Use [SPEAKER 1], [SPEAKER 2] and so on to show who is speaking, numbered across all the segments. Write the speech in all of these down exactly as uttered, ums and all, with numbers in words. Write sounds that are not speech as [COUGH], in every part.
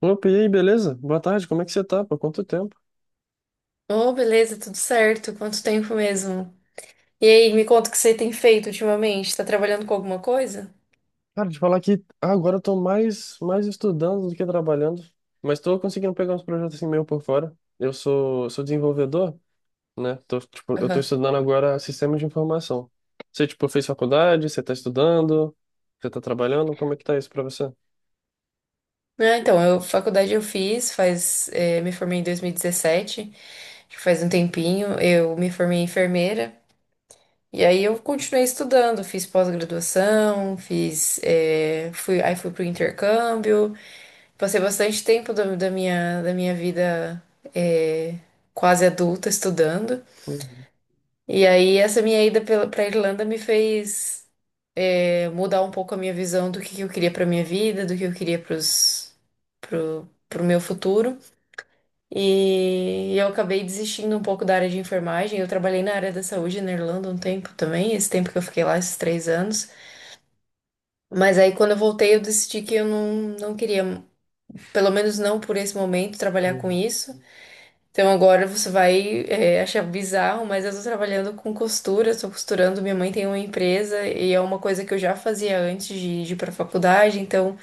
[SPEAKER 1] Opa, e aí, beleza? Boa tarde, como é que você tá? Por quanto tempo?
[SPEAKER 2] Oh, beleza, tudo certo. Quanto tempo mesmo? E aí, me conta o que você tem feito ultimamente. Tá trabalhando com alguma coisa?
[SPEAKER 1] Cara, de falar que agora eu tô mais, mais estudando do que trabalhando, mas tô conseguindo pegar uns projetos assim meio por fora. Eu sou, sou desenvolvedor, né? Tô, tipo, eu tô
[SPEAKER 2] Aham.
[SPEAKER 1] estudando agora sistemas de informação. Você, tipo, fez faculdade, você tá estudando, você tá trabalhando, como é que tá isso pra você?
[SPEAKER 2] Ah, então, eu, faculdade eu fiz, faz, eh, me formei em dois mil e dezessete, acho que faz um tempinho. Eu me formei em enfermeira. E aí eu continuei estudando, fiz pós-graduação, fiz, eh, fui, aí fui pro intercâmbio. Passei bastante tempo da, da minha, da minha vida, eh, quase adulta estudando.
[SPEAKER 1] Uhum,
[SPEAKER 2] E aí, essa minha ida pela- pra Irlanda me fez é, mudar um pouco a minha visão do que que eu queria pra minha vida, do que eu queria pros, pro, pro meu futuro. E eu acabei desistindo um pouco da área de enfermagem. Eu trabalhei na área da saúde na Irlanda um tempo também, esse tempo que eu fiquei lá, esses três anos. Mas aí, quando eu voltei, eu decidi que eu não, não queria, pelo menos não por esse momento, trabalhar com
[SPEAKER 1] uhum,
[SPEAKER 2] isso. Então agora você vai é, achar bizarro, mas eu tô trabalhando com costura, tô costurando, minha mãe tem uma empresa e é uma coisa que eu já fazia antes de, de ir pra faculdade, então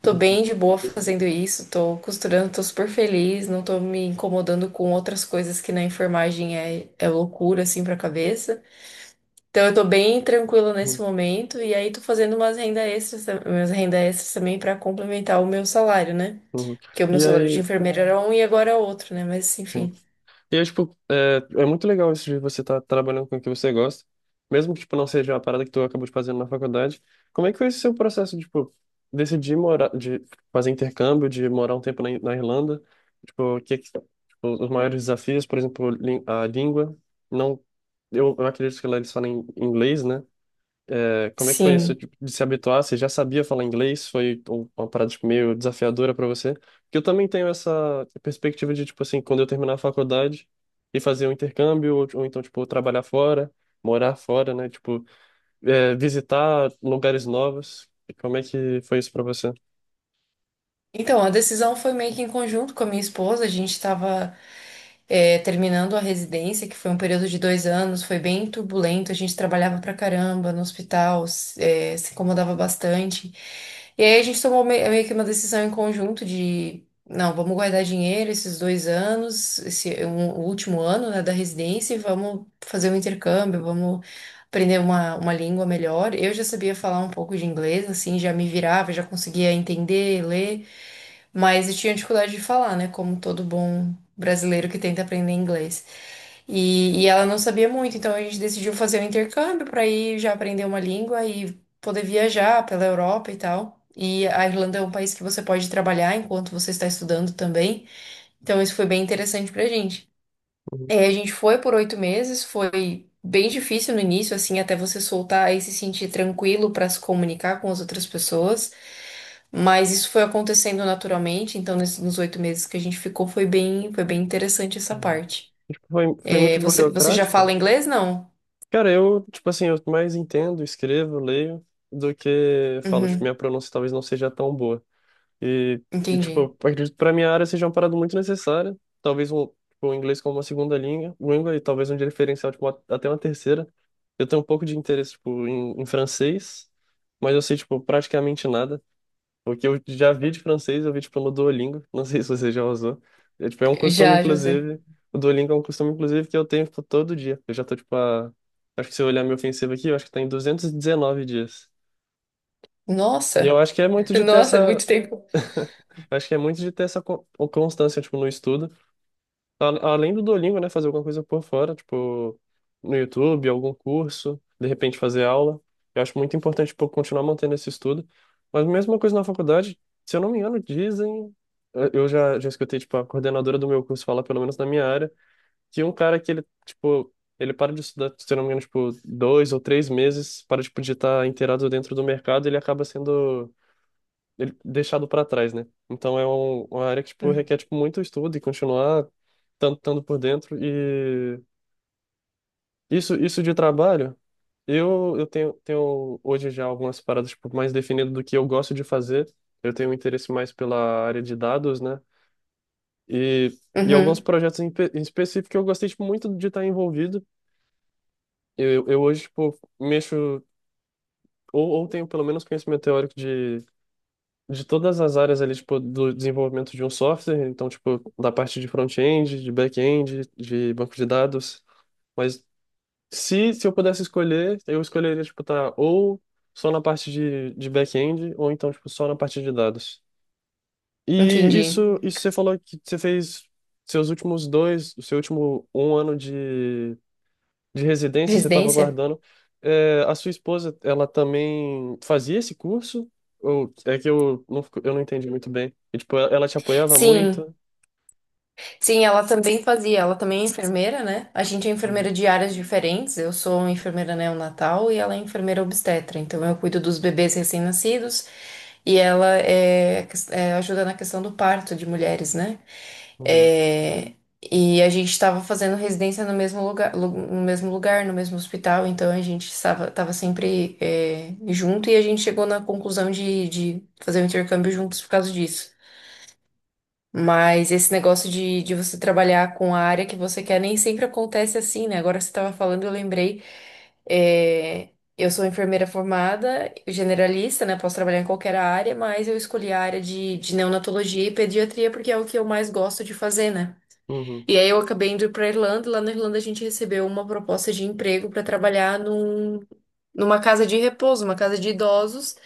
[SPEAKER 2] tô bem de boa fazendo isso, tô costurando, tô super feliz, não tô me incomodando com outras coisas que na enfermagem é, é loucura assim pra cabeça. Então eu tô bem tranquila nesse
[SPEAKER 1] uhum,
[SPEAKER 2] momento e aí tô fazendo umas renda extras, umas renda extras também pra complementar o meu salário, né?
[SPEAKER 1] uhum.
[SPEAKER 2] Porque o meu
[SPEAKER 1] E
[SPEAKER 2] salário de
[SPEAKER 1] aí,
[SPEAKER 2] enfermeira era um e agora é outro, né? Mas
[SPEAKER 1] sim.
[SPEAKER 2] enfim.
[SPEAKER 1] E é, tipo, é, é muito legal isso de você estar trabalhando com o que você gosta, mesmo que, tipo, não seja a parada que tu acabou de fazer na faculdade. Como é que foi esse seu processo, de, tipo, decidir morar, de fazer intercâmbio, de morar um tempo na, Ir- na Irlanda? Tipo, o que, que- tipo, os maiores desafios, por exemplo, lin- a língua. Não, eu, eu acredito que lá eles falam inglês, né? É, como é que foi isso,
[SPEAKER 2] Sim.
[SPEAKER 1] tipo, de se habituar? Você já sabia falar inglês? Foi um- uma parada, tipo, meio desafiadora para você? Porque eu também tenho essa perspectiva de, tipo assim, quando eu terminar a faculdade e fazer um intercâmbio, ou, ou então, tipo, trabalhar fora, morar fora, né? Tipo, é, visitar lugares novos. E como é que foi isso para você?
[SPEAKER 2] Então, a decisão foi meio que em conjunto com a minha esposa. A gente estava terminando a residência, que foi um período de dois anos, foi bem turbulento. A gente trabalhava pra caramba no hospital, s- é, se incomodava bastante. E aí a gente tomou me- meio que uma decisão em conjunto de, não, vamos guardar dinheiro esses dois anos, esse um- o último ano, né, da residência, e vamos fazer um intercâmbio, vamos aprender uma, uma língua melhor. Eu já sabia falar um pouco de inglês, assim, já me virava, já conseguia entender, ler, mas eu tinha dificuldade de falar, né? Como todo bom brasileiro que tenta aprender inglês. E, e ela não sabia muito, então a gente decidiu fazer um intercâmbio para ir já aprender uma língua e poder viajar pela Europa e tal. E a Irlanda é um país que você pode trabalhar enquanto você está estudando também. Então isso foi bem interessante pra gente.
[SPEAKER 1] Uhum.
[SPEAKER 2] É, a gente foi por oito meses, foi bem difícil no início, assim, até você soltar e se sentir tranquilo para se comunicar com as outras pessoas. Mas isso foi acontecendo naturalmente, então nesses- nos oito meses que a gente ficou foi bem, foi bem interessante essa
[SPEAKER 1] Uhum.
[SPEAKER 2] parte.
[SPEAKER 1] Tipo, foi, foi
[SPEAKER 2] É,
[SPEAKER 1] muito
[SPEAKER 2] você, você já
[SPEAKER 1] burocrático?
[SPEAKER 2] fala inglês, não?
[SPEAKER 1] Cara, eu, tipo assim, eu mais entendo, escrevo, leio, do que falo. Tipo,
[SPEAKER 2] Uhum,
[SPEAKER 1] minha pronúncia talvez não seja tão boa. E, e, tipo, eu
[SPEAKER 2] entendi.
[SPEAKER 1] acredito que pra minha área seja uma parada muito necessária. Talvez um, tipo, o inglês como uma segunda língua, língua e talvez um diferencial, tipo, uma- até uma terceira. Eu tenho um pouco de interesse, tipo, em, em francês, mas eu sei, tipo, praticamente nada. O que eu já vi de francês, eu vi, tipo, no Duolingo. Não sei [LAUGHS] se você já usou. É, tipo, é um costume,
[SPEAKER 2] Já, José.
[SPEAKER 1] inclusive. O Duolingo é um costume, inclusive, que eu tenho, tipo, todo dia. Eu já tô, tipo, a. Acho que se eu olhar meu ofensivo aqui, eu acho que tá em duzentos e dezenove dias. E eu
[SPEAKER 2] Nossa,
[SPEAKER 1] acho que é muito
[SPEAKER 2] [LAUGHS]
[SPEAKER 1] de ter
[SPEAKER 2] nossa,
[SPEAKER 1] essa.
[SPEAKER 2] muito tempo.
[SPEAKER 1] Eu acho que é muito de ter essa co- o- constância, tipo, no estudo. A- Além do Duolingo, né? Fazer alguma coisa por fora, tipo, no YouTube, algum curso, de repente fazer aula. Eu acho muito importante, tipo, continuar mantendo esse estudo. Mas a mesma coisa na faculdade, se eu não me engano, dizem. Eu eu já, já escutei, tipo, a coordenadora do meu curso falar, pelo menos na minha área, que um cara que ele, tipo, ele para de estudar, se eu não me engano, tipo, dois ou três meses, para, tipo, de estar inteirado dentro do mercado, ele acaba sendo ele- deixado para trás, né? Então é um- uma área que tipo requer tipo muito estudo e continuar tanto tanto por dentro e isso isso de trabalho, eu eu tenho tenho hoje já algumas paradas tipo mais definidas do que eu gosto de fazer. Eu tenho um interesse mais pela área de dados, né? E e alguns
[SPEAKER 2] Uhum,
[SPEAKER 1] projetos em, pe- em específico que eu gostei tipo, muito de estar envolvido. Eu, eu hoje tipo mexo ou, ou tenho pelo menos conhecimento teórico de todas as áreas ali, tipo, do desenvolvimento de um software, então, tipo, da parte de front-end, de back-end, de banco de dados. Mas se, se eu pudesse escolher, eu escolheria, tipo, tá ou só na parte de, de back-end, ou então, tipo, só na parte de dados. E
[SPEAKER 2] entendi.
[SPEAKER 1] isso, isso você falou que você fez seus últimos dois, o seu último um ano de de residência, você estava
[SPEAKER 2] Residência?
[SPEAKER 1] guardando. É, a sua esposa, ela também fazia esse curso? Ou é que eu não, fico- eu não entendi muito bem. E, tipo, ela ela te apoiava
[SPEAKER 2] Sim.
[SPEAKER 1] muito?
[SPEAKER 2] Sim, ela também fazia, ela também é enfermeira, né? A gente é
[SPEAKER 1] Uhum,
[SPEAKER 2] enfermeira de áreas diferentes, eu sou enfermeira neonatal e ela é enfermeira obstetra, então eu cuido dos bebês recém-nascidos e ela é, é, ajuda na questão do parto de mulheres, né?
[SPEAKER 1] uhum,
[SPEAKER 2] É, e a gente estava fazendo residência no mesmo lugar, lu- no mesmo lugar, no mesmo hospital, então a gente estava tava sempre é, junto e a gente chegou na conclusão de, de fazer o intercâmbio juntos por causa disso. Mas esse negócio de, de você trabalhar com a área que você quer nem sempre acontece assim, né? Agora você estava falando, eu lembrei. é, eu sou enfermeira formada, generalista, né? Posso trabalhar em qualquer área, mas eu escolhi a área de, de neonatologia e pediatria porque é o que eu mais gosto de fazer, né?
[SPEAKER 1] uhum,
[SPEAKER 2] E aí eu acabei indo para Irlanda. E lá na Irlanda a gente recebeu uma proposta de emprego para trabalhar num, numa casa de repouso, uma casa de idosos.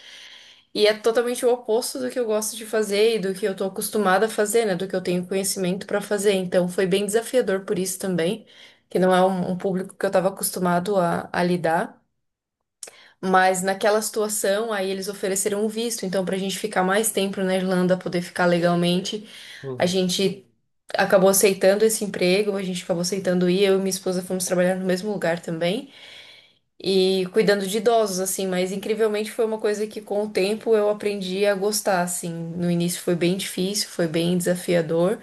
[SPEAKER 2] E é totalmente o oposto do que eu gosto de fazer e do que eu tô acostumada a fazer, né? Do que eu tenho conhecimento pra fazer. Então foi bem desafiador por isso também, que não é um, um público que eu tava acostumado a, a lidar. Mas naquela situação, aí eles ofereceram um visto. Então, pra gente ficar mais tempo na Irlanda, poder ficar legalmente, a
[SPEAKER 1] uhum,
[SPEAKER 2] gente acabou aceitando esse emprego, a gente acabou aceitando ir. Eu e minha esposa fomos trabalhar no mesmo lugar também e cuidando de idosos, assim, mas incrivelmente foi uma coisa que com o tempo eu aprendi a gostar, assim. No início foi bem difícil, foi bem desafiador,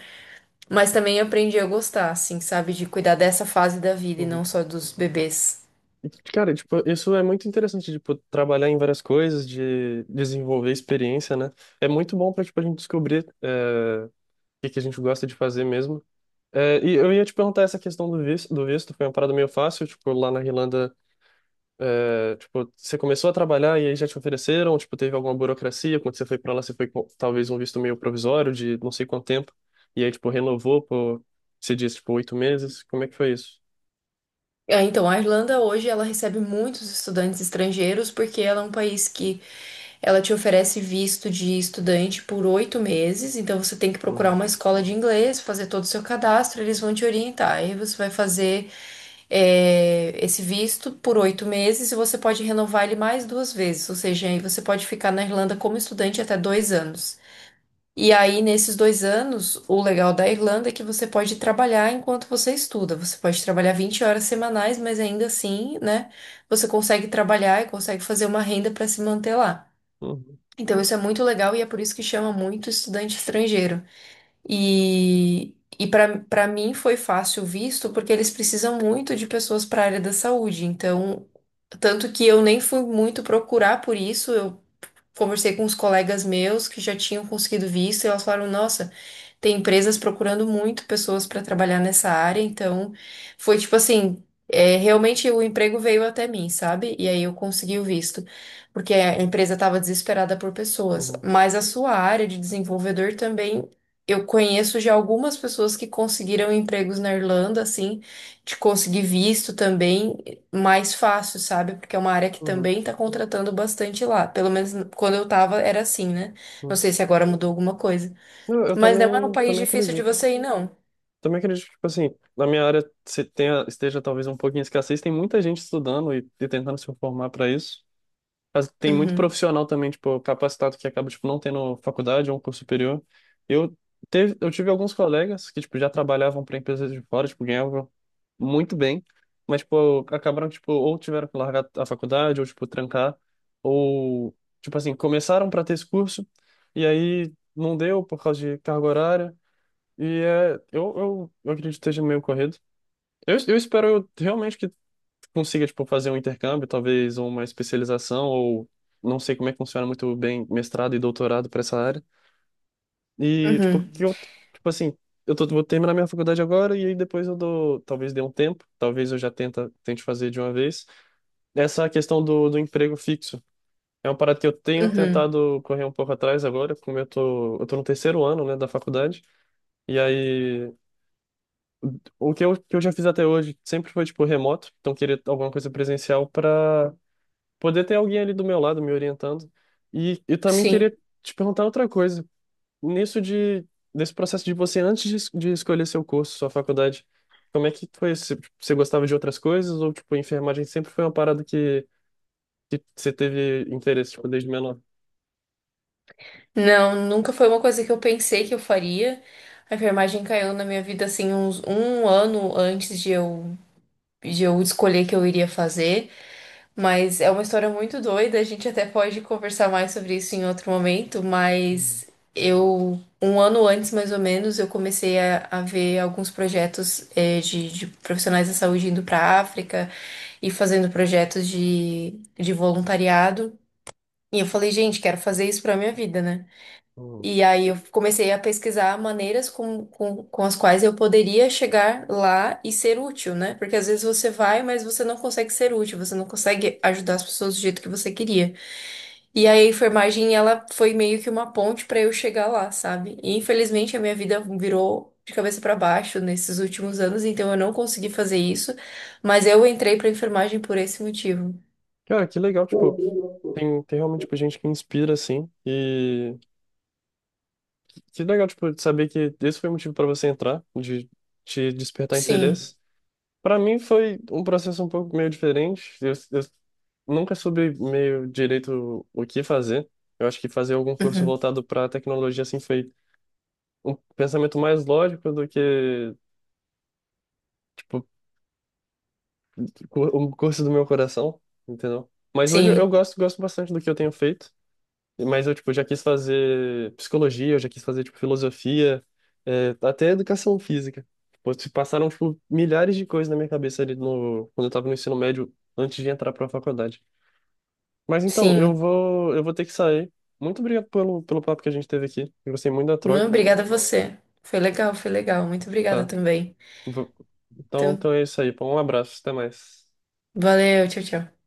[SPEAKER 2] mas também aprendi a gostar, assim, sabe, de cuidar dessa fase da vida e
[SPEAKER 1] uhum.
[SPEAKER 2] não só dos bebês.
[SPEAKER 1] E, cara, tipo, isso é muito interessante, tipo, trabalhar em várias coisas, de desenvolver experiência, né? É muito bom para, tipo, a gente descobrir, é, o que que a gente gosta de fazer mesmo. É, e eu ia te perguntar essa questão do visto, do visto, foi uma parada meio fácil, tipo, lá na Irlanda, é, tipo, você começou a trabalhar e aí já te ofereceram, tipo, teve alguma burocracia, quando você foi pra lá, você foi com talvez um visto meio provisório de não sei quanto tempo, e aí, tipo, renovou por, você disse, tipo, oito meses, como é que foi isso?
[SPEAKER 2] É, então, a Irlanda hoje ela recebe muitos estudantes estrangeiros porque ela é um país que ela te oferece visto de estudante por oito meses, então você tem que procurar
[SPEAKER 1] Uhum,
[SPEAKER 2] uma escola de inglês, fazer todo o seu cadastro, eles vão te orientar. Aí você vai fazer é, esse visto por oito meses e você pode renovar ele mais duas vezes, ou seja, aí você pode ficar na Irlanda como estudante até dois anos. E aí, nesses dois anos, o legal da Irlanda é que você pode trabalhar enquanto você estuda. Você pode trabalhar vinte horas semanais, mas ainda assim, né, você consegue trabalhar e consegue fazer uma renda para se manter lá.
[SPEAKER 1] uhum,
[SPEAKER 2] Então, isso é muito legal e é por isso que chama muito estudante estrangeiro. E, e para para mim foi fácil o visto, porque eles precisam muito de pessoas para a área da saúde. Então, tanto que eu nem fui muito procurar por isso, eu conversei com os colegas meus que já tinham conseguido visto e elas falaram, nossa. Tem empresas procurando muito pessoas para trabalhar nessa área, então foi tipo assim, é, realmente o emprego veio até mim, sabe? E aí eu consegui o visto, porque a empresa estava desesperada por pessoas.
[SPEAKER 1] uhum,
[SPEAKER 2] Mas a sua área de desenvolvedor também, eu conheço já algumas pessoas que conseguiram empregos na Irlanda, assim, de conseguir visto também mais fácil, sabe? Porque é uma área que
[SPEAKER 1] uhum,
[SPEAKER 2] também está contratando bastante lá. Pelo menos quando eu tava era assim, né? Não
[SPEAKER 1] uhum.
[SPEAKER 2] sei se agora mudou alguma coisa.
[SPEAKER 1] Não, eu
[SPEAKER 2] Mas não é um
[SPEAKER 1] também,
[SPEAKER 2] país
[SPEAKER 1] também
[SPEAKER 2] difícil de
[SPEAKER 1] acredito.
[SPEAKER 2] você ir, não.
[SPEAKER 1] Também acredito que, tipo assim, na minha área se tenha, esteja talvez um pouquinho escassez, tem muita gente estudando e, e tentando se formar para isso. Mas tem muito
[SPEAKER 2] Uhum,
[SPEAKER 1] profissional também, tipo, capacitado que acaba, tipo, não tendo faculdade ou um curso superior. Eu, teve, eu tive alguns colegas que, tipo, já trabalhavam para empresas de fora, tipo, ganhavam muito bem, mas, tipo, acabaram, tipo, ou tiveram que largar a faculdade, ou, tipo, trancar, ou, tipo assim, começaram para ter esse curso, e aí não deu por causa de carga horária, e é, eu, eu, eu acredito que esteja meio corrido. Eu, eu espero eu realmente que consiga, tipo, fazer um intercâmbio, talvez ou uma especialização, ou não sei como é que funciona muito bem mestrado e doutorado para essa área. E, tipo,
[SPEAKER 2] uhum,
[SPEAKER 1] que eu, tipo assim, eu tô, vou terminar minha faculdade agora e aí depois eu dou, talvez dê um tempo, talvez eu já tenta, tente fazer de uma vez. Essa questão do, do emprego fixo. É uma parada que eu tenho
[SPEAKER 2] uhum,
[SPEAKER 1] tentado correr um pouco atrás agora, como eu tô, eu tô no terceiro ano, né, da faculdade. E aí. O que eu, que eu já fiz até hoje sempre foi, tipo, remoto, então queria alguma coisa presencial para poder ter alguém ali do meu lado me orientando. E eu também
[SPEAKER 2] sim.
[SPEAKER 1] queria te perguntar outra coisa. Nisso de, desse processo de você, antes de, es- de escolher seu curso, sua faculdade, como é que foi? Você, você gostava de outras coisas ou, tipo, enfermagem sempre foi uma parada que, que você teve interesse, tipo, desde menor?
[SPEAKER 2] Não, nunca foi uma coisa que eu pensei que eu faria. A enfermagem caiu na minha vida assim uns um ano antes de eu, de eu escolher que eu iria fazer. Mas é uma história muito doida. A gente até pode conversar mais sobre isso em outro momento. Mas eu, um ano antes mais ou menos, eu comecei a, a ver alguns projetos eh, de, de profissionais da saúde indo para África. E fazendo projetos de, de voluntariado. E eu falei, gente, quero fazer isso pra minha vida, né?
[SPEAKER 1] Uhum.
[SPEAKER 2] E aí eu comecei a pesquisar maneiras com, com, com as quais eu poderia chegar lá e ser útil, né? Porque às vezes você vai, mas você não consegue ser útil, você não consegue ajudar as pessoas do jeito que você queria. E aí a enfermagem, ela foi meio que uma ponte para eu chegar lá, sabe? E infelizmente a minha vida virou de cabeça para baixo nesses últimos anos, então eu não consegui fazer isso, mas eu entrei para enfermagem por esse motivo.
[SPEAKER 1] Cara, que legal, tipo, tem, tem realmente, tipo, gente que inspira, assim. Que legal, tipo, saber que esse foi o motivo para você entrar, de te despertar
[SPEAKER 2] Sim.
[SPEAKER 1] interesse. Para mim foi um processo um pouco meio diferente. Eu, eu nunca soube meio direito o que fazer. Eu acho que fazer algum curso
[SPEAKER 2] Uhum.
[SPEAKER 1] voltado para tecnologia assim foi um pensamento mais lógico do que tipo cu- um curso do meu coração, entendeu? Mas hoje eu
[SPEAKER 2] Sim,
[SPEAKER 1] gosto gosto bastante do que eu tenho feito. Mas eu, tipo, já quis fazer psicologia, eu já quis fazer, tipo, filosofia, é, até educação física. Pô, se passaram, tipo, milhares de coisas na minha cabeça ali no, quando eu tava no ensino médio, antes de entrar pra faculdade. Mas então, eu
[SPEAKER 2] sim.
[SPEAKER 1] vou, eu vou ter que sair. Muito obrigado pelo, pelo papo que a gente teve aqui. Eu gostei muito da
[SPEAKER 2] Não,
[SPEAKER 1] troca.
[SPEAKER 2] obrigada a você. Foi legal, foi legal. Muito obrigada
[SPEAKER 1] Tá.
[SPEAKER 2] também.
[SPEAKER 1] Vou- Então,
[SPEAKER 2] Então,
[SPEAKER 1] então é isso aí, pô. Um abraço, até mais.
[SPEAKER 2] valeu, tchau, tchau.